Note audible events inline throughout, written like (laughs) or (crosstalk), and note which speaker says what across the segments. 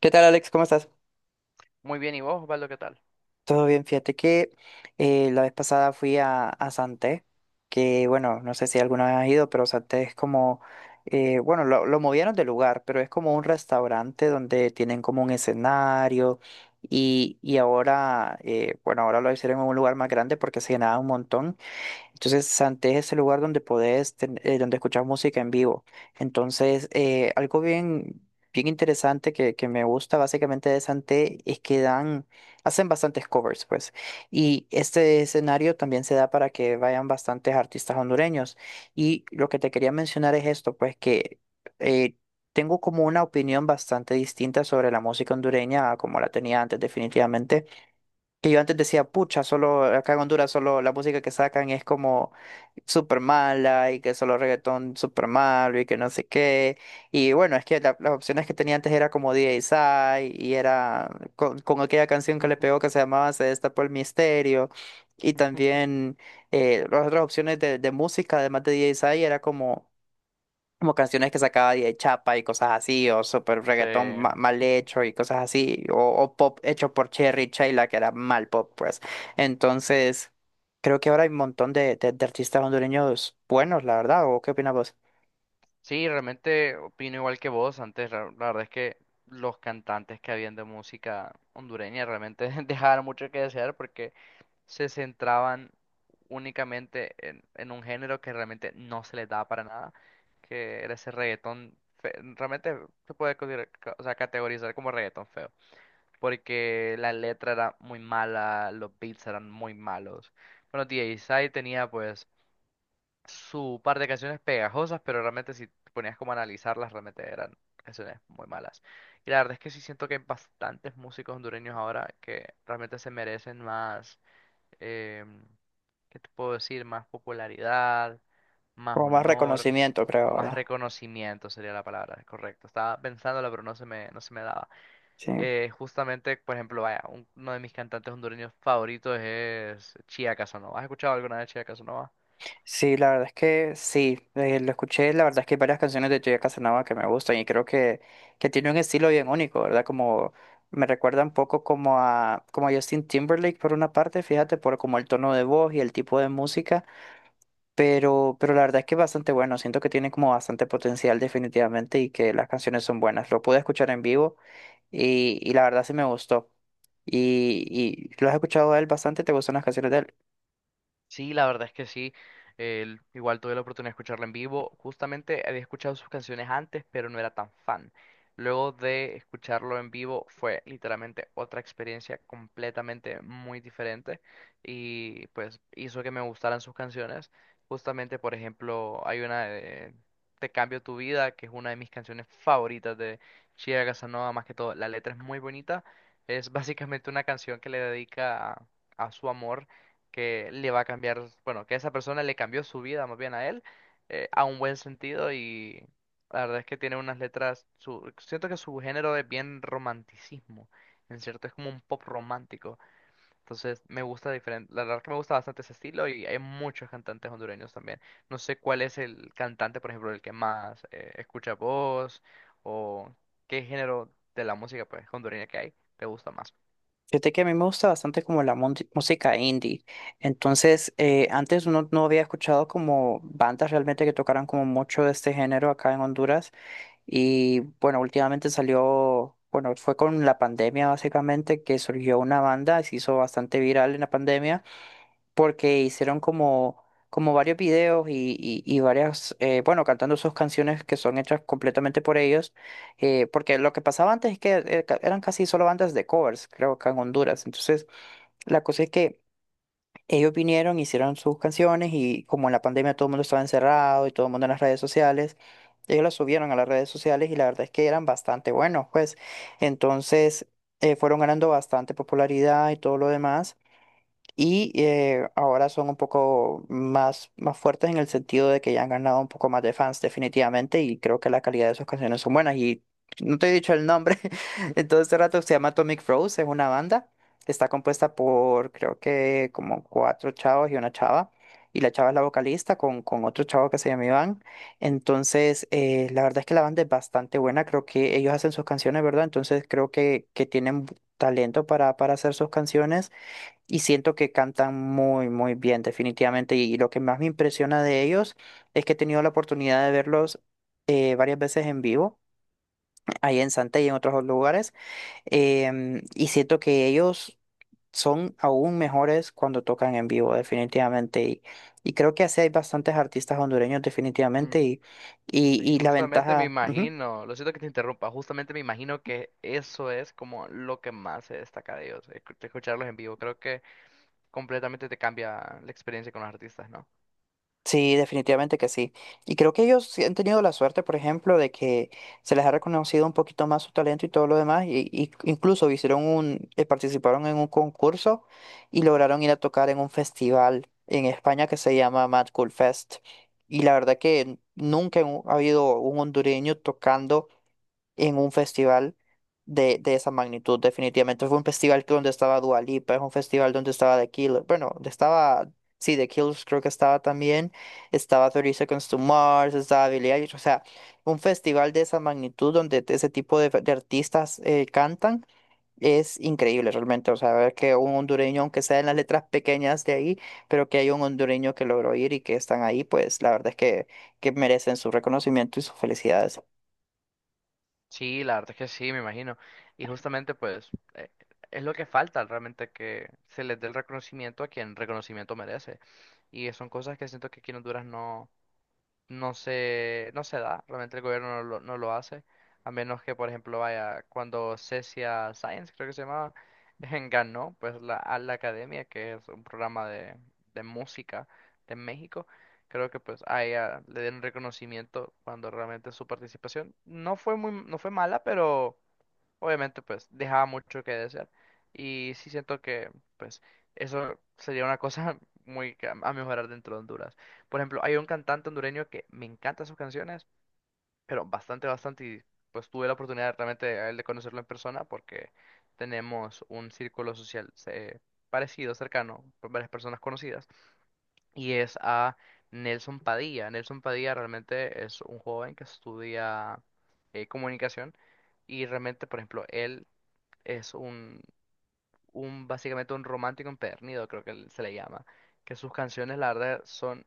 Speaker 1: ¿Qué tal, Alex? ¿Cómo estás?
Speaker 2: Muy bien, ¿y vos, Osvaldo, qué tal?
Speaker 1: Todo bien, fíjate que la vez pasada fui a Santé, que bueno, no sé si alguna vez has ido, pero Santé es como, bueno, lo movieron de lugar, pero es como un restaurante donde tienen como un escenario y ahora, bueno, ahora lo hicieron en un lugar más grande porque se llenaba un montón. Entonces, Santé es el lugar donde podés, donde escuchar música en vivo. Entonces, algo bien, bien interesante que me gusta básicamente de Santé es que dan, hacen bastantes covers, pues. Y este escenario también se da para que vayan bastantes artistas hondureños. Y lo que te quería mencionar es esto, pues que eh, tengo como una opinión bastante distinta sobre la música hondureña a como la tenía antes, definitivamente. Que yo antes decía, pucha, solo acá en Honduras solo la música que sacan es como súper mala y que solo reggaetón súper malo y que no sé qué. Y bueno, es que las opciones que tenía antes era como DJ Sai y era con aquella canción que le pegó que se llamaba Se destapó el misterio. Y
Speaker 2: (laughs)
Speaker 1: también las otras opciones de música, además de DJ Sai, era como como canciones que sacaba de Chapa y cosas así, o super
Speaker 2: Sí,
Speaker 1: reggaetón mal hecho y cosas así, o pop hecho por Cherry y Chayla, que era mal pop, pues. Entonces, creo que ahora hay un montón de artistas hondureños buenos, la verdad, ¿o qué opinas vos?
Speaker 2: sí, realmente opino igual que vos antes. La verdad es que los cantantes que habían de música hondureña realmente (laughs) dejaban mucho que desear porque se centraban únicamente en un género que realmente no se les daba para nada, que era ese reggaetón. Realmente se puede o sea, categorizar como reggaetón feo, porque la letra era muy mala, los beats eran muy malos. Bueno, DJ Sai tenía pues su par de canciones pegajosas, pero realmente si te ponías como a analizarlas, realmente eran canciones muy malas. Y la verdad es que sí siento que hay bastantes músicos hondureños ahora que realmente se merecen más, em, ¿qué te puedo decir? Más popularidad, más
Speaker 1: Como más
Speaker 2: honor,
Speaker 1: reconocimiento, creo,
Speaker 2: más
Speaker 1: ¿verdad?
Speaker 2: reconocimiento sería la palabra, correcto. Estaba pensándola, pero no se me daba.
Speaker 1: Sí.
Speaker 2: Justamente, por ejemplo, vaya, uno de mis cantantes hondureños favoritos es Chía Casanova. ¿Has escuchado alguna vez Chía Casanova?
Speaker 1: Sí, la verdad es que sí, lo escuché, la verdad es que hay varias canciones de Joya Casanova que me gustan y creo que tiene un estilo bien único, ¿verdad? Como me recuerda un poco como a Justin Timberlake por una parte, fíjate, por como el tono de voz y el tipo de música, pero la verdad es que es bastante bueno, siento que tiene como bastante potencial definitivamente y que las canciones son buenas. Lo pude escuchar en vivo y la verdad sí me gustó. ¿Y, ¿Y lo has escuchado a él bastante? ¿Te gustan las canciones de él?
Speaker 2: Sí, la verdad es que sí. Igual tuve la oportunidad de escucharla en vivo. Justamente había escuchado sus canciones antes, pero no era tan fan. Luego de escucharlo en vivo fue literalmente otra experiencia completamente muy diferente y pues hizo que me gustaran sus canciones. Justamente, por ejemplo, hay una de Te cambio tu vida, que es una de mis canciones favoritas de Chiara Casanova, más que todo. La letra es muy bonita. Es básicamente una canción que le dedica a su amor que le va a cambiar, bueno, que esa persona le cambió su vida más bien a él, a un buen sentido y la verdad es que tiene unas letras, su, siento que su género es bien romanticismo, en cierto, es como un pop romántico, entonces me gusta diferente, la verdad que me gusta bastante ese estilo y hay muchos cantantes hondureños también, no sé cuál es el cantante, por ejemplo, el que más escucha voz o qué género de la música pues hondureña que hay te gusta más.
Speaker 1: Fíjate que a mí me gusta bastante como la música indie. Entonces, antes uno no había escuchado como bandas realmente que tocaran como mucho de este género acá en Honduras. Y bueno, últimamente salió, bueno, fue con la pandemia básicamente que surgió una banda, se hizo bastante viral en la pandemia porque hicieron como, como varios videos y varias, bueno, cantando sus canciones que son hechas completamente por ellos, porque lo que pasaba antes es que eran casi solo bandas de covers, creo que en Honduras. Entonces, la cosa es que ellos vinieron, hicieron sus canciones y como en la pandemia todo el mundo estaba encerrado y todo el mundo en las redes sociales. Ellos las subieron a las redes sociales y la verdad es que eran bastante buenos, pues. Entonces, fueron ganando bastante popularidad y todo lo demás. Y ahora son un poco más, más fuertes en el sentido de que ya han ganado un poco más de fans definitivamente y creo que la calidad de sus canciones son buenas. Y no te he dicho el nombre, (laughs) entonces este rato se llama Atomic Froze, es una banda, está compuesta por creo que como cuatro chavos y una chava. Y la chava es la vocalista con otro chavo que se llama Iván. Entonces, la verdad es que la banda es bastante buena. Creo que ellos hacen sus canciones, ¿verdad? Entonces, creo que tienen talento para hacer sus canciones. Y siento que cantan muy, muy bien, definitivamente. Y lo que más me impresiona de ellos es que he tenido la oportunidad de verlos varias veces en vivo, ahí en Santa y en otros lugares. Y siento que ellos son aún mejores cuando tocan en vivo, definitivamente. Y creo que así hay bastantes artistas hondureños, definitivamente. Y,
Speaker 2: Sí,
Speaker 1: y, y la
Speaker 2: justamente me
Speaker 1: ventaja. Ujú.
Speaker 2: imagino, lo siento que te interrumpa, justamente me imagino que eso es como lo que más se destaca de ellos, escucharlos en vivo, creo que completamente te cambia la experiencia con los artistas, ¿no?
Speaker 1: Sí, definitivamente que sí. Y creo que ellos sí han tenido la suerte, por ejemplo, de que se les ha reconocido un poquito más su talento y todo lo demás. Y incluso hicieron un, participaron en un concurso y lograron ir a tocar en un festival en España que se llama Mad Cool Fest. Y la verdad que nunca ha habido un hondureño tocando en un festival de esa magnitud, definitivamente. Fue un festival que donde estaba Dua Lipa, es un festival donde estaba The Killers, bueno, donde estaba, sí, The Killers creo que estaba también, estaba 30 Seconds to Mars, estaba Billie Eilish, o sea, un festival de esa magnitud donde ese tipo de artistas cantan. Es increíble realmente, o sea, ver que un hondureño, aunque sea en las letras pequeñas de ahí, pero que hay un hondureño que logró ir y que están ahí, pues la verdad es que merecen su reconocimiento y sus felicidades.
Speaker 2: Sí, la verdad es que sí, me imagino, y justamente pues es lo que falta realmente que se les dé el reconocimiento a quien reconocimiento merece, y son cosas que siento que aquí en Honduras no. No se da, realmente el gobierno no lo hace, a menos que, por ejemplo, vaya, cuando Cecia Science, creo que se llamaba, (laughs) ganó pues la, a la academia, que es un programa de música de México, creo que pues a ella le dieron reconocimiento cuando realmente su participación no fue muy, no fue mala, pero obviamente, pues dejaba mucho que desear. Y sí siento que, pues, eso sería una cosa (laughs) muy a mejorar dentro de Honduras. Por ejemplo, hay un cantante hondureño que me encantan sus canciones, pero bastante, bastante. Y pues tuve la oportunidad realmente a él de conocerlo en persona porque tenemos un círculo social parecido, cercano, con varias personas conocidas. Y es a Nelson Padilla. Nelson Padilla realmente es un joven que estudia comunicación. Y realmente, por ejemplo, él es un básicamente un romántico empedernido, creo que se le llama, que sus canciones, la verdad, son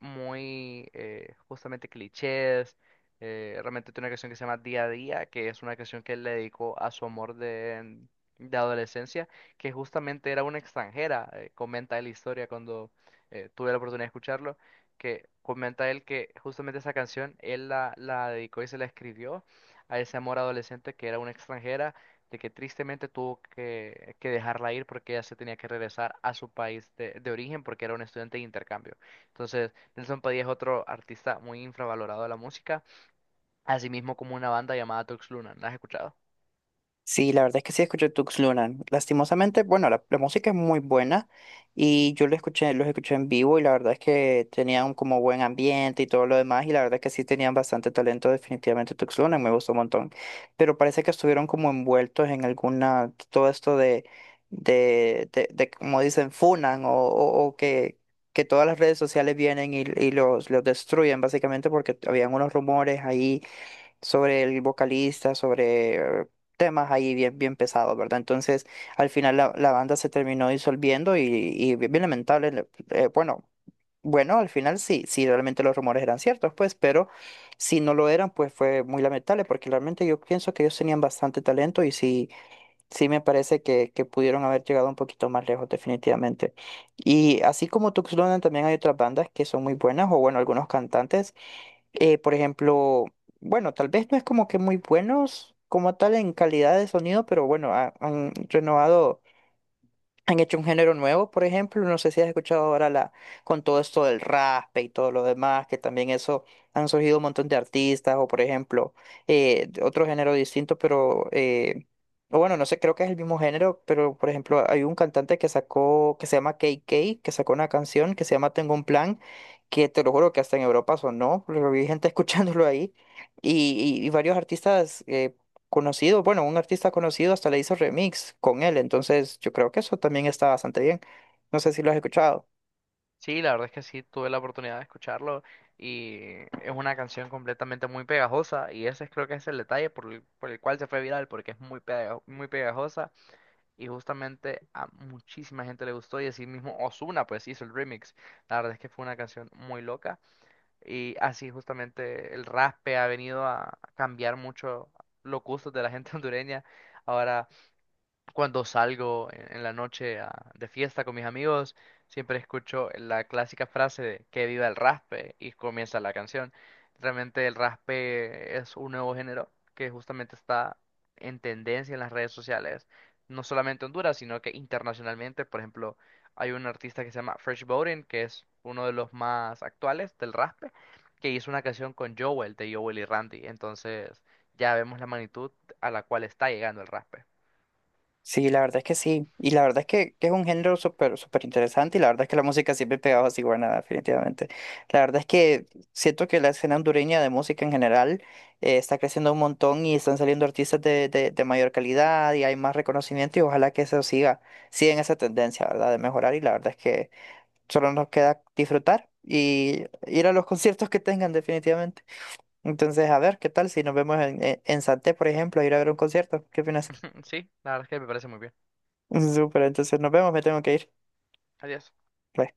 Speaker 2: muy justamente clichés. Realmente tiene una canción que se llama Día a Día, que es una canción que él le dedicó a su amor de adolescencia, que justamente era una extranjera. Comenta él la historia cuando tuve la oportunidad de escucharlo, que comenta él que justamente esa canción él la dedicó y se la escribió a ese amor adolescente que era una extranjera. De que tristemente tuvo que dejarla ir porque ella se tenía que regresar a su país de origen porque era un estudiante de intercambio. Entonces, Nelson Padilla es otro artista muy infravalorado de la música, así mismo como una banda llamada Tux Luna. ¿La has escuchado?
Speaker 1: Sí, la verdad es que sí escuché Tux Lunan. Lastimosamente, bueno, la música es muy buena y yo lo escuché, los escuché en vivo y la verdad es que tenían como buen ambiente y todo lo demás y la verdad es que sí tenían bastante talento definitivamente Tux Lunan, me gustó un montón. Pero parece que estuvieron como envueltos en alguna, todo esto de como dicen, funan o que todas las redes sociales vienen y los destruyen básicamente porque habían unos rumores ahí sobre el vocalista, sobre eh, temas ahí bien, bien pesados, ¿verdad? Entonces, al final la banda se terminó disolviendo y bien bien lamentable, bueno, bueno, al final sí, sí, realmente los rumores eran ciertos, pues, pero si no lo eran, pues fue muy lamentable, porque realmente yo pienso que ellos tenían bastante talento y sí, sí me parece que pudieron haber llegado un poquito más lejos, definitivamente. Y así como Tuxtlan, también hay otras bandas que son muy buenas, o bueno, algunos cantantes por ejemplo, bueno, tal vez no es como que muy buenos como tal en calidad de sonido, pero bueno, han renovado, han hecho un género nuevo, por ejemplo, no sé si has escuchado ahora la, con todo esto del raspe y todo lo demás, que también eso han surgido un montón de artistas, o por ejemplo, otro género distinto, pero o bueno, no sé, creo que es el mismo género, pero por ejemplo, hay un cantante que sacó, que se llama K K que sacó una canción que se llama Tengo un plan, que te lo juro que hasta en Europa sonó, pero vi gente (laughs) escuchándolo ahí, y varios artistas conocidos, bueno, un artista conocido hasta le hizo remix con él, entonces yo creo que eso también está bastante bien. No sé si lo has escuchado.
Speaker 2: Sí, la verdad es que sí, tuve la oportunidad de escucharlo y es una canción completamente muy pegajosa y ese creo que es el detalle por el cual se fue viral, porque es muy pegajosa y justamente a muchísima gente le gustó y así mismo Ozuna pues hizo el remix. La verdad es que fue una canción muy loca y así justamente el raspe ha venido a cambiar mucho los gustos de la gente (laughs) hondureña. Ahora cuando salgo en la noche de fiesta con mis amigos, siempre escucho la clásica frase de que viva el raspe y comienza la canción. Realmente el raspe es un nuevo género que justamente está en tendencia en las redes sociales, no solamente en Honduras, sino que internacionalmente. Por ejemplo, hay un artista que se llama Fresh Bowden, que es uno de los más actuales del raspe, que hizo una canción con Joel de Joel y Randy. Entonces ya vemos la magnitud a la cual está llegando el raspe.
Speaker 1: Sí, la verdad es que sí. Y la verdad es que es un género súper súper interesante y la verdad es que la música siempre pegaba así, bueno, definitivamente. La verdad es que siento que la escena hondureña de música en general está creciendo un montón y están saliendo artistas de de mayor calidad y hay más reconocimiento y ojalá que eso siga, siga en esa tendencia, ¿verdad? De mejorar y la verdad es que solo nos queda disfrutar y ir a los conciertos que tengan definitivamente. Entonces, a ver, ¿qué tal si nos vemos en Santé, por ejemplo, a ir a ver un concierto? ¿Qué opinas?
Speaker 2: (laughs) Sí, la verdad es que me parece muy bien.
Speaker 1: Súper, entonces nos vemos, me tengo que ir.
Speaker 2: Adiós.
Speaker 1: Bye.